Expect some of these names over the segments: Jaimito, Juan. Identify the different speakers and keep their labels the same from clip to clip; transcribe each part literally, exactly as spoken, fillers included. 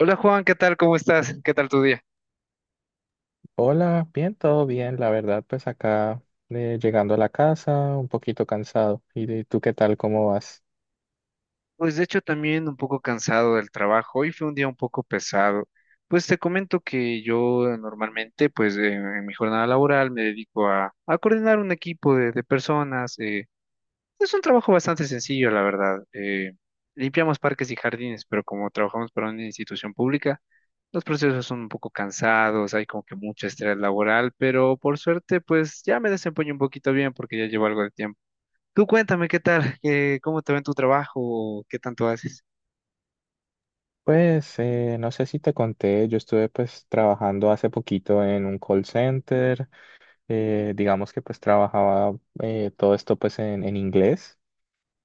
Speaker 1: Hola Juan, ¿qué tal? ¿Cómo estás? ¿Qué tal tu día?
Speaker 2: Hola, bien, todo bien, la verdad, pues acá eh, llegando a la casa, un poquito cansado. ¿Y de- tú qué tal? ¿Cómo vas?
Speaker 1: Pues de hecho también un poco cansado del trabajo. Hoy fue un día un poco pesado. Pues te comento que yo eh, normalmente, pues eh, en mi jornada laboral me dedico a, a coordinar un equipo de, de personas. eh, Es un trabajo bastante sencillo, la verdad. Eh, limpiamos parques y jardines, pero como trabajamos para una institución pública, los procesos son un poco cansados, hay como que mucho estrés laboral, pero por suerte, pues ya me desempeño un poquito bien porque ya llevo algo de tiempo. Tú cuéntame qué tal, eh, cómo te va en tu trabajo, qué tanto haces.
Speaker 2: Pues eh, no sé si te conté, yo estuve pues trabajando hace poquito en un call center, eh, digamos que pues trabajaba eh, todo esto pues en, en inglés.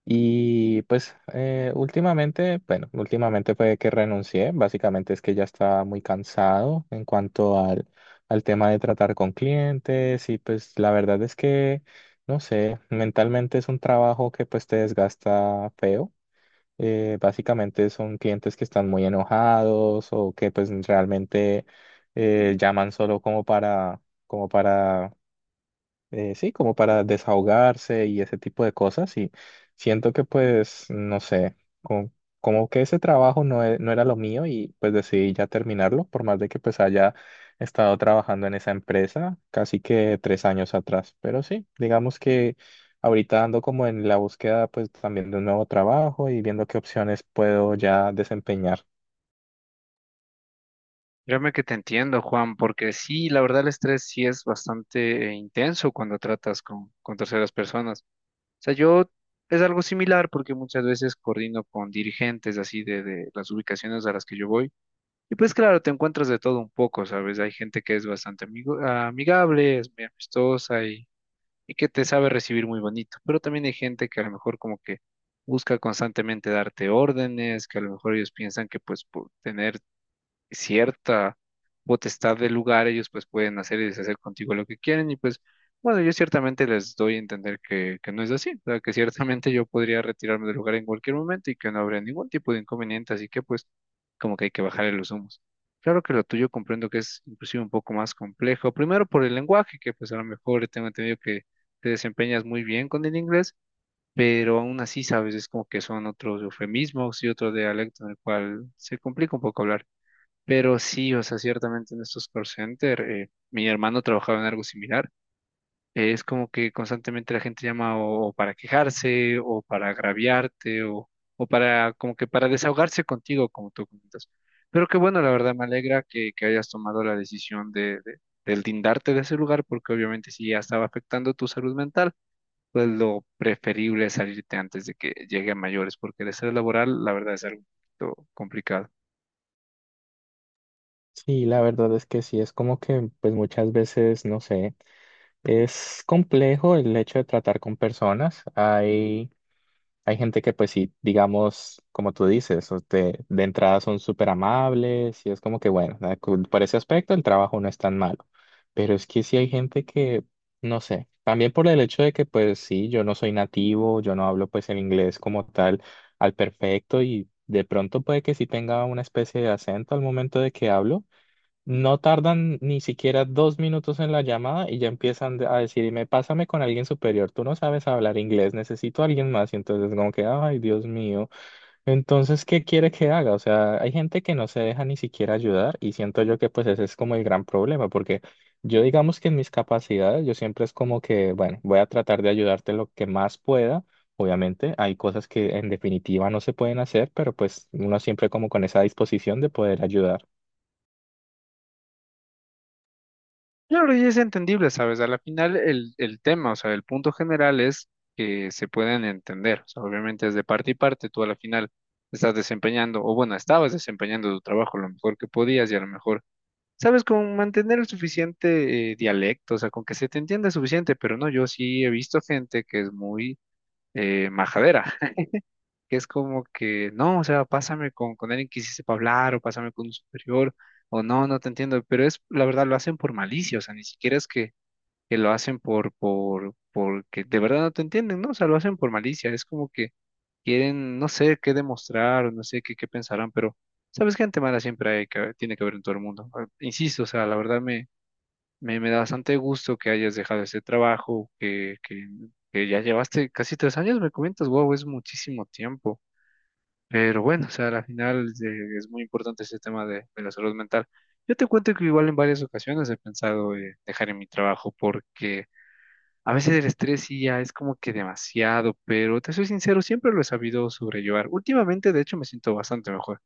Speaker 2: Y pues eh, últimamente, bueno, últimamente fue que renuncié, básicamente es que ya estaba muy cansado en cuanto al, al tema de tratar con clientes y pues la verdad es que, no sé, mentalmente es un trabajo que pues te desgasta feo. Eh, básicamente son clientes que están muy enojados o que pues realmente eh, llaman solo como para, como para eh, sí, como para desahogarse y ese tipo de cosas. Y siento que pues, no sé, como, como que ese trabajo no, e- no era lo mío y pues decidí ya terminarlo, por más de que pues haya estado trabajando en esa empresa casi que tres años atrás. Pero sí, digamos que ahorita ando como en la búsqueda pues también de un nuevo trabajo y viendo qué opciones puedo ya desempeñar.
Speaker 1: Créeme que te entiendo, Juan, porque sí, la verdad el estrés sí es bastante eh, intenso cuando tratas con, con terceras personas. O sea, yo es algo similar porque muchas veces coordino con dirigentes así de, de las ubicaciones a las que yo voy. Y pues claro, te encuentras de todo un poco, ¿sabes? Hay gente que es bastante amigo, amigable, es muy amistosa y que te sabe recibir muy bonito. Pero también hay gente que a lo mejor como que busca constantemente darte órdenes, que a lo mejor ellos piensan que pues por tener cierta potestad del lugar, ellos pues pueden hacer y deshacer contigo lo que quieren y pues bueno, yo ciertamente les doy a entender que, que no es así, o sea, que ciertamente yo podría retirarme del lugar en cualquier momento y que no habría ningún tipo de inconveniente, así que pues como que hay que bajarle los humos. Claro que lo tuyo comprendo que es inclusive un poco más complejo, primero por el lenguaje, que pues a lo mejor tengo entendido que te desempeñas muy bien con el inglés, pero aún así sabes, es como que son otros eufemismos y otro dialecto en el cual se complica un poco hablar. Pero sí, o sea, ciertamente en estos call center, eh, mi hermano trabajaba en algo similar. Eh, es como que constantemente la gente llama o, o para quejarse, o para agraviarte, o, o para como que para desahogarse contigo, como tú comentas. Pero qué bueno, la verdad, me alegra que, que hayas tomado la decisión de, de, del lindarte de ese lugar, porque obviamente si ya estaba afectando tu salud mental, pues lo preferible es salirte antes de que llegue a mayores, porque el estrés laboral, la verdad, es algo un poquito complicado.
Speaker 2: Sí, la verdad es que sí, es como que pues muchas veces, no sé. Es complejo el hecho de tratar con personas. Hay, hay gente que, pues sí, digamos, como tú dices, o te- de entrada son súper amables y es como que, bueno, da- cu- por ese aspecto el trabajo no es tan malo. Pero es que sí hay gente que, no sé, también por el hecho de que, pues sí, yo no soy nativo, yo no hablo pues el inglés como tal al perfecto y de pronto puede que sí tenga una especie de acento al momento de que hablo. No tardan ni siquiera dos minutos en la llamada y ya empiezan de- a decirme, pásame con alguien superior, tú no sabes hablar inglés, necesito a alguien más. Y entonces como que, ay, Dios mío, entonces, ¿qué quiere que haga? O sea, hay gente que no se deja ni siquiera ayudar y siento yo que pues ese es como el gran problema, porque yo digamos que en mis capacidades, yo siempre es como que, bueno, voy a tratar de ayudarte lo que más pueda. Obviamente hay cosas que en definitiva no se pueden hacer, pero pues uno siempre como con esa disposición de poder ayudar.
Speaker 1: Claro, y es entendible, ¿sabes? A la final el, el tema, o sea, el punto general es que se pueden entender. O sea, obviamente es de parte y parte, tú a la final estás desempeñando, o bueno, estabas desempeñando tu trabajo lo mejor que podías y a lo mejor, ¿sabes? Con mantener el suficiente eh, dialecto, o sea, con que se te entienda suficiente, pero no, yo sí he visto gente que es muy eh, majadera, que es como que, no, o sea, pásame con, con alguien que sí sepa hablar o pásame con un superior. O no, no te entiendo, pero es, la verdad, lo hacen por malicia, o sea, ni siquiera es que que lo hacen por, por, porque de verdad no te entienden, ¿no? O sea, lo hacen por malicia, es como que quieren, no sé qué demostrar, no sé qué, qué pensarán, pero sabes que gente mala siempre hay que, tiene que haber en todo el mundo. Ah, insisto, o sea, la verdad me, me, me da bastante gusto que hayas dejado ese trabajo, que, que, que ya llevaste casi tres años, me comentas, wow, es muchísimo tiempo. Pero bueno, o sea, al final eh, es muy importante ese tema de, de la salud mental. Yo te cuento que igual en varias ocasiones he pensado eh, dejar en mi trabajo porque a veces el estrés sí ya es como que demasiado, pero te soy sincero, siempre lo he sabido sobrellevar. Últimamente, de hecho, me siento bastante mejor.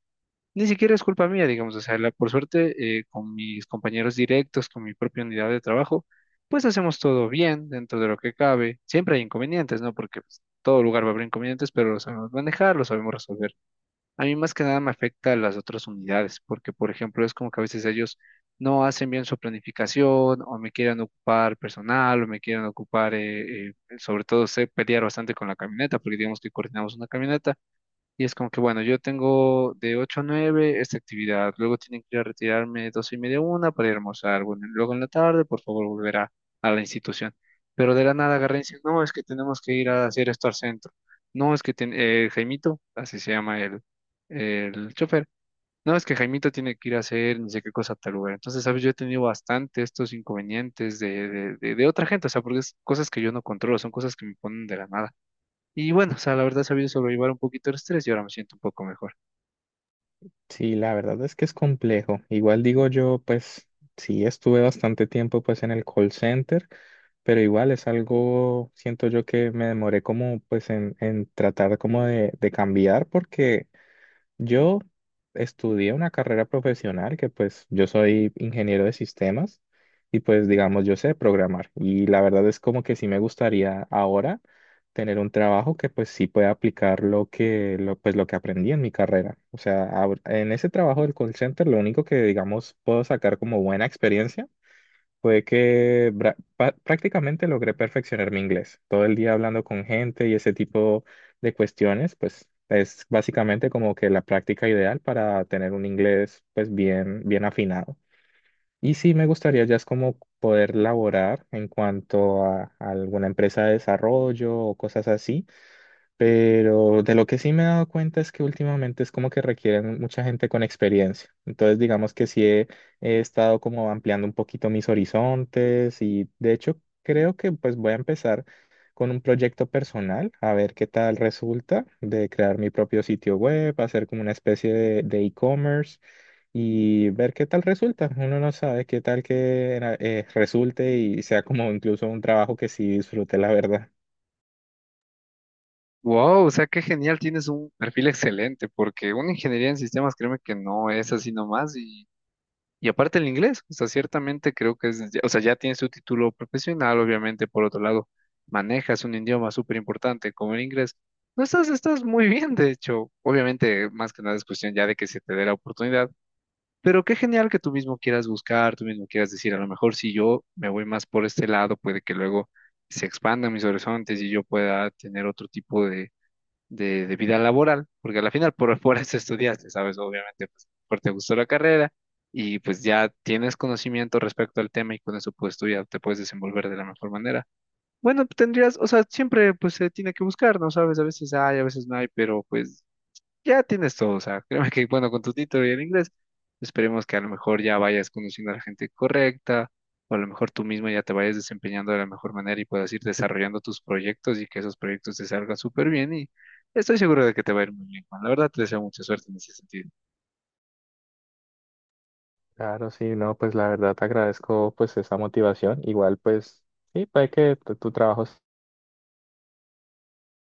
Speaker 1: Ni siquiera es culpa mía, digamos, o sea, la- por suerte, eh, con mis compañeros directos, con mi propia unidad de trabajo, pues hacemos todo bien dentro de lo que cabe. Siempre hay inconvenientes, ¿no? Porque pues, todo lugar va a haber inconvenientes, pero lo sabemos manejar, lo sabemos resolver. A mí más que nada me afecta a las otras unidades, porque por ejemplo es como que a veces ellos no hacen bien su planificación o me quieren ocupar personal o me quieren ocupar, eh, eh, sobre todo sé pelear bastante con la camioneta, porque digamos que coordinamos una camioneta y es como que, bueno, yo tengo de ocho a nueve esta actividad, luego tienen que ir a retirarme doce y media, una para ir a almorzar, bueno, y luego en la tarde, por favor, volver a, a la institución. Pero de la nada agarran y dicen, no, es que tenemos que ir a hacer esto al centro. No, es que ten- eh, Jaimito, así se llama el, el chofer, no, es que Jaimito tiene que ir a hacer ni sé qué cosa a tal lugar. Entonces, ¿sabes? Yo he tenido bastante estos inconvenientes de, de, de, de otra gente, o sea, porque es cosas que yo no controlo, son cosas que me ponen de la nada. Y bueno, o sea, la verdad he sabido sobrellevar un poquito el estrés y ahora me siento un poco mejor.
Speaker 2: Sí, la verdad es que es complejo. Igual digo yo, pues sí, estuve bastante tiempo pues en el call center, pero igual es algo, siento yo que me demoré como pues en, en tratar como de, de cambiar porque yo estudié una carrera profesional que pues yo soy ingeniero de sistemas y pues digamos yo sé programar y la verdad es como que sí me gustaría ahora tener un trabajo que pues sí pueda aplicar lo que lo, pues lo que aprendí en mi carrera. O sea, ahor- en ese trabajo del call center lo único que digamos puedo sacar como buena experiencia fue que bra- pa- prácticamente logré perfeccionar mi inglés. Todo el día hablando con gente y ese tipo de cuestiones, pues es básicamente como que la práctica ideal para tener un inglés pues bien, bien afinado. Y sí me gustaría ya es como poder laborar en cuanto a, a alguna empresa de desarrollo o cosas así, pero de lo que sí me he dado cuenta es que últimamente es como que requieren mucha gente con experiencia. Entonces, digamos que sí he, he estado como ampliando un poquito mis horizontes y de hecho creo que pues voy a empezar con un proyecto personal, a ver qué tal resulta de crear mi propio sitio web, hacer como una especie de de e-commerce y ver qué tal resulta. Uno no sabe qué tal que eh, resulte y sea como incluso un trabajo que sí disfrute, la verdad.
Speaker 1: Wow, o sea, qué genial, tienes un perfil excelente, porque una ingeniería en sistemas, créeme que no es así nomás. Y, y aparte el inglés, o sea, ciertamente creo que es, o sea, ya tienes tu título profesional, obviamente, por otro lado, manejas un idioma súper importante como el inglés. No estás, estás muy bien, de hecho, obviamente, más que nada es cuestión ya de que se te dé la oportunidad. Pero qué genial que tú mismo quieras buscar, tú mismo quieras decir, a lo mejor si yo me voy más por este lado, puede que luego se expandan mis horizontes y yo pueda tener otro tipo de, de, de vida laboral, porque al final por, por eso estudiaste, ¿sabes? Obviamente, pues, porque te gustó la carrera y pues ya tienes conocimiento respecto al tema y con eso pues tú ya te puedes desenvolver de la mejor manera. Bueno, tendrías, o sea, siempre pues se tiene que buscar, ¿no? Sabes, a veces hay, a veces no hay, pero pues ya tienes todo, o sea, créeme que, bueno, con tu título y el inglés, esperemos que a lo mejor ya vayas conociendo a la gente correcta, o a lo mejor tú mismo ya te vayas desempeñando de la mejor manera y puedas ir desarrollando tus proyectos y que esos proyectos te salgan súper bien y estoy seguro de que te va a ir muy bien, Juan. La verdad te deseo mucha suerte en ese sentido.
Speaker 2: Claro, sí, no, pues la verdad te agradezco pues esa motivación. Igual pues sí, puede que tu, tu trabajo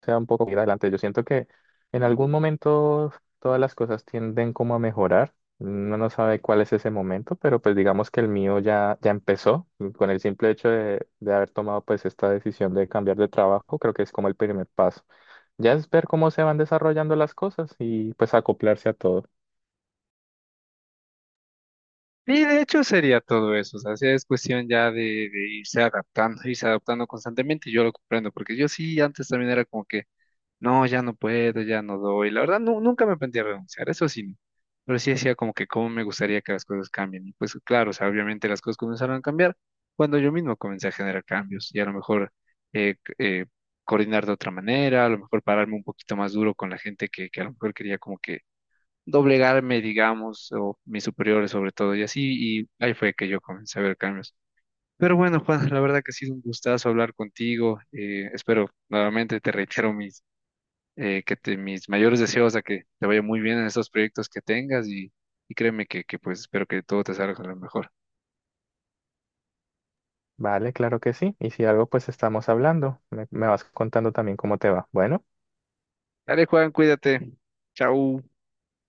Speaker 2: sea un poco ir adelante. Yo siento que en algún momento todas las cosas tienden como a mejorar. Uno no sabe cuál es ese momento, pero pues digamos que el mío ya, ya empezó con el simple hecho de, de haber tomado pues esta decisión de cambiar de trabajo. Creo que es como el primer paso. Ya es ver cómo se van desarrollando las cosas y pues acoplarse a todo.
Speaker 1: Y de hecho sería todo eso, o sea, sí es cuestión ya de, de irse adaptando, irse adaptando constantemente, y yo lo comprendo, porque yo sí antes también era como que no, ya no puedo, ya no doy. La verdad, nu- nunca me planteé renunciar, eso sí. No. Pero sí decía como que cómo me gustaría que las cosas cambien. Y pues claro, o sea, obviamente las cosas comenzaron a cambiar cuando yo mismo comencé a generar cambios y a lo mejor eh, c- eh, coordinar de otra manera, a lo mejor pararme un poquito más duro con la gente que, que a lo mejor quería como que doblegarme, digamos, o mis superiores sobre todo y así. Y ahí fue que yo comencé a ver cambios. Pero bueno, Juan, la verdad que ha sido un gustazo hablar contigo. Eh, espero, nuevamente te reitero mis eh, que te, mis mayores deseos a que te vaya muy bien en estos proyectos que tengas y, y créeme que, que pues espero que todo te salga a lo mejor.
Speaker 2: Vale, claro que sí. Y si algo, pues estamos hablando. Me, me vas contando también cómo te va. Bueno.
Speaker 1: Dale, Juan, cuídate. Chau.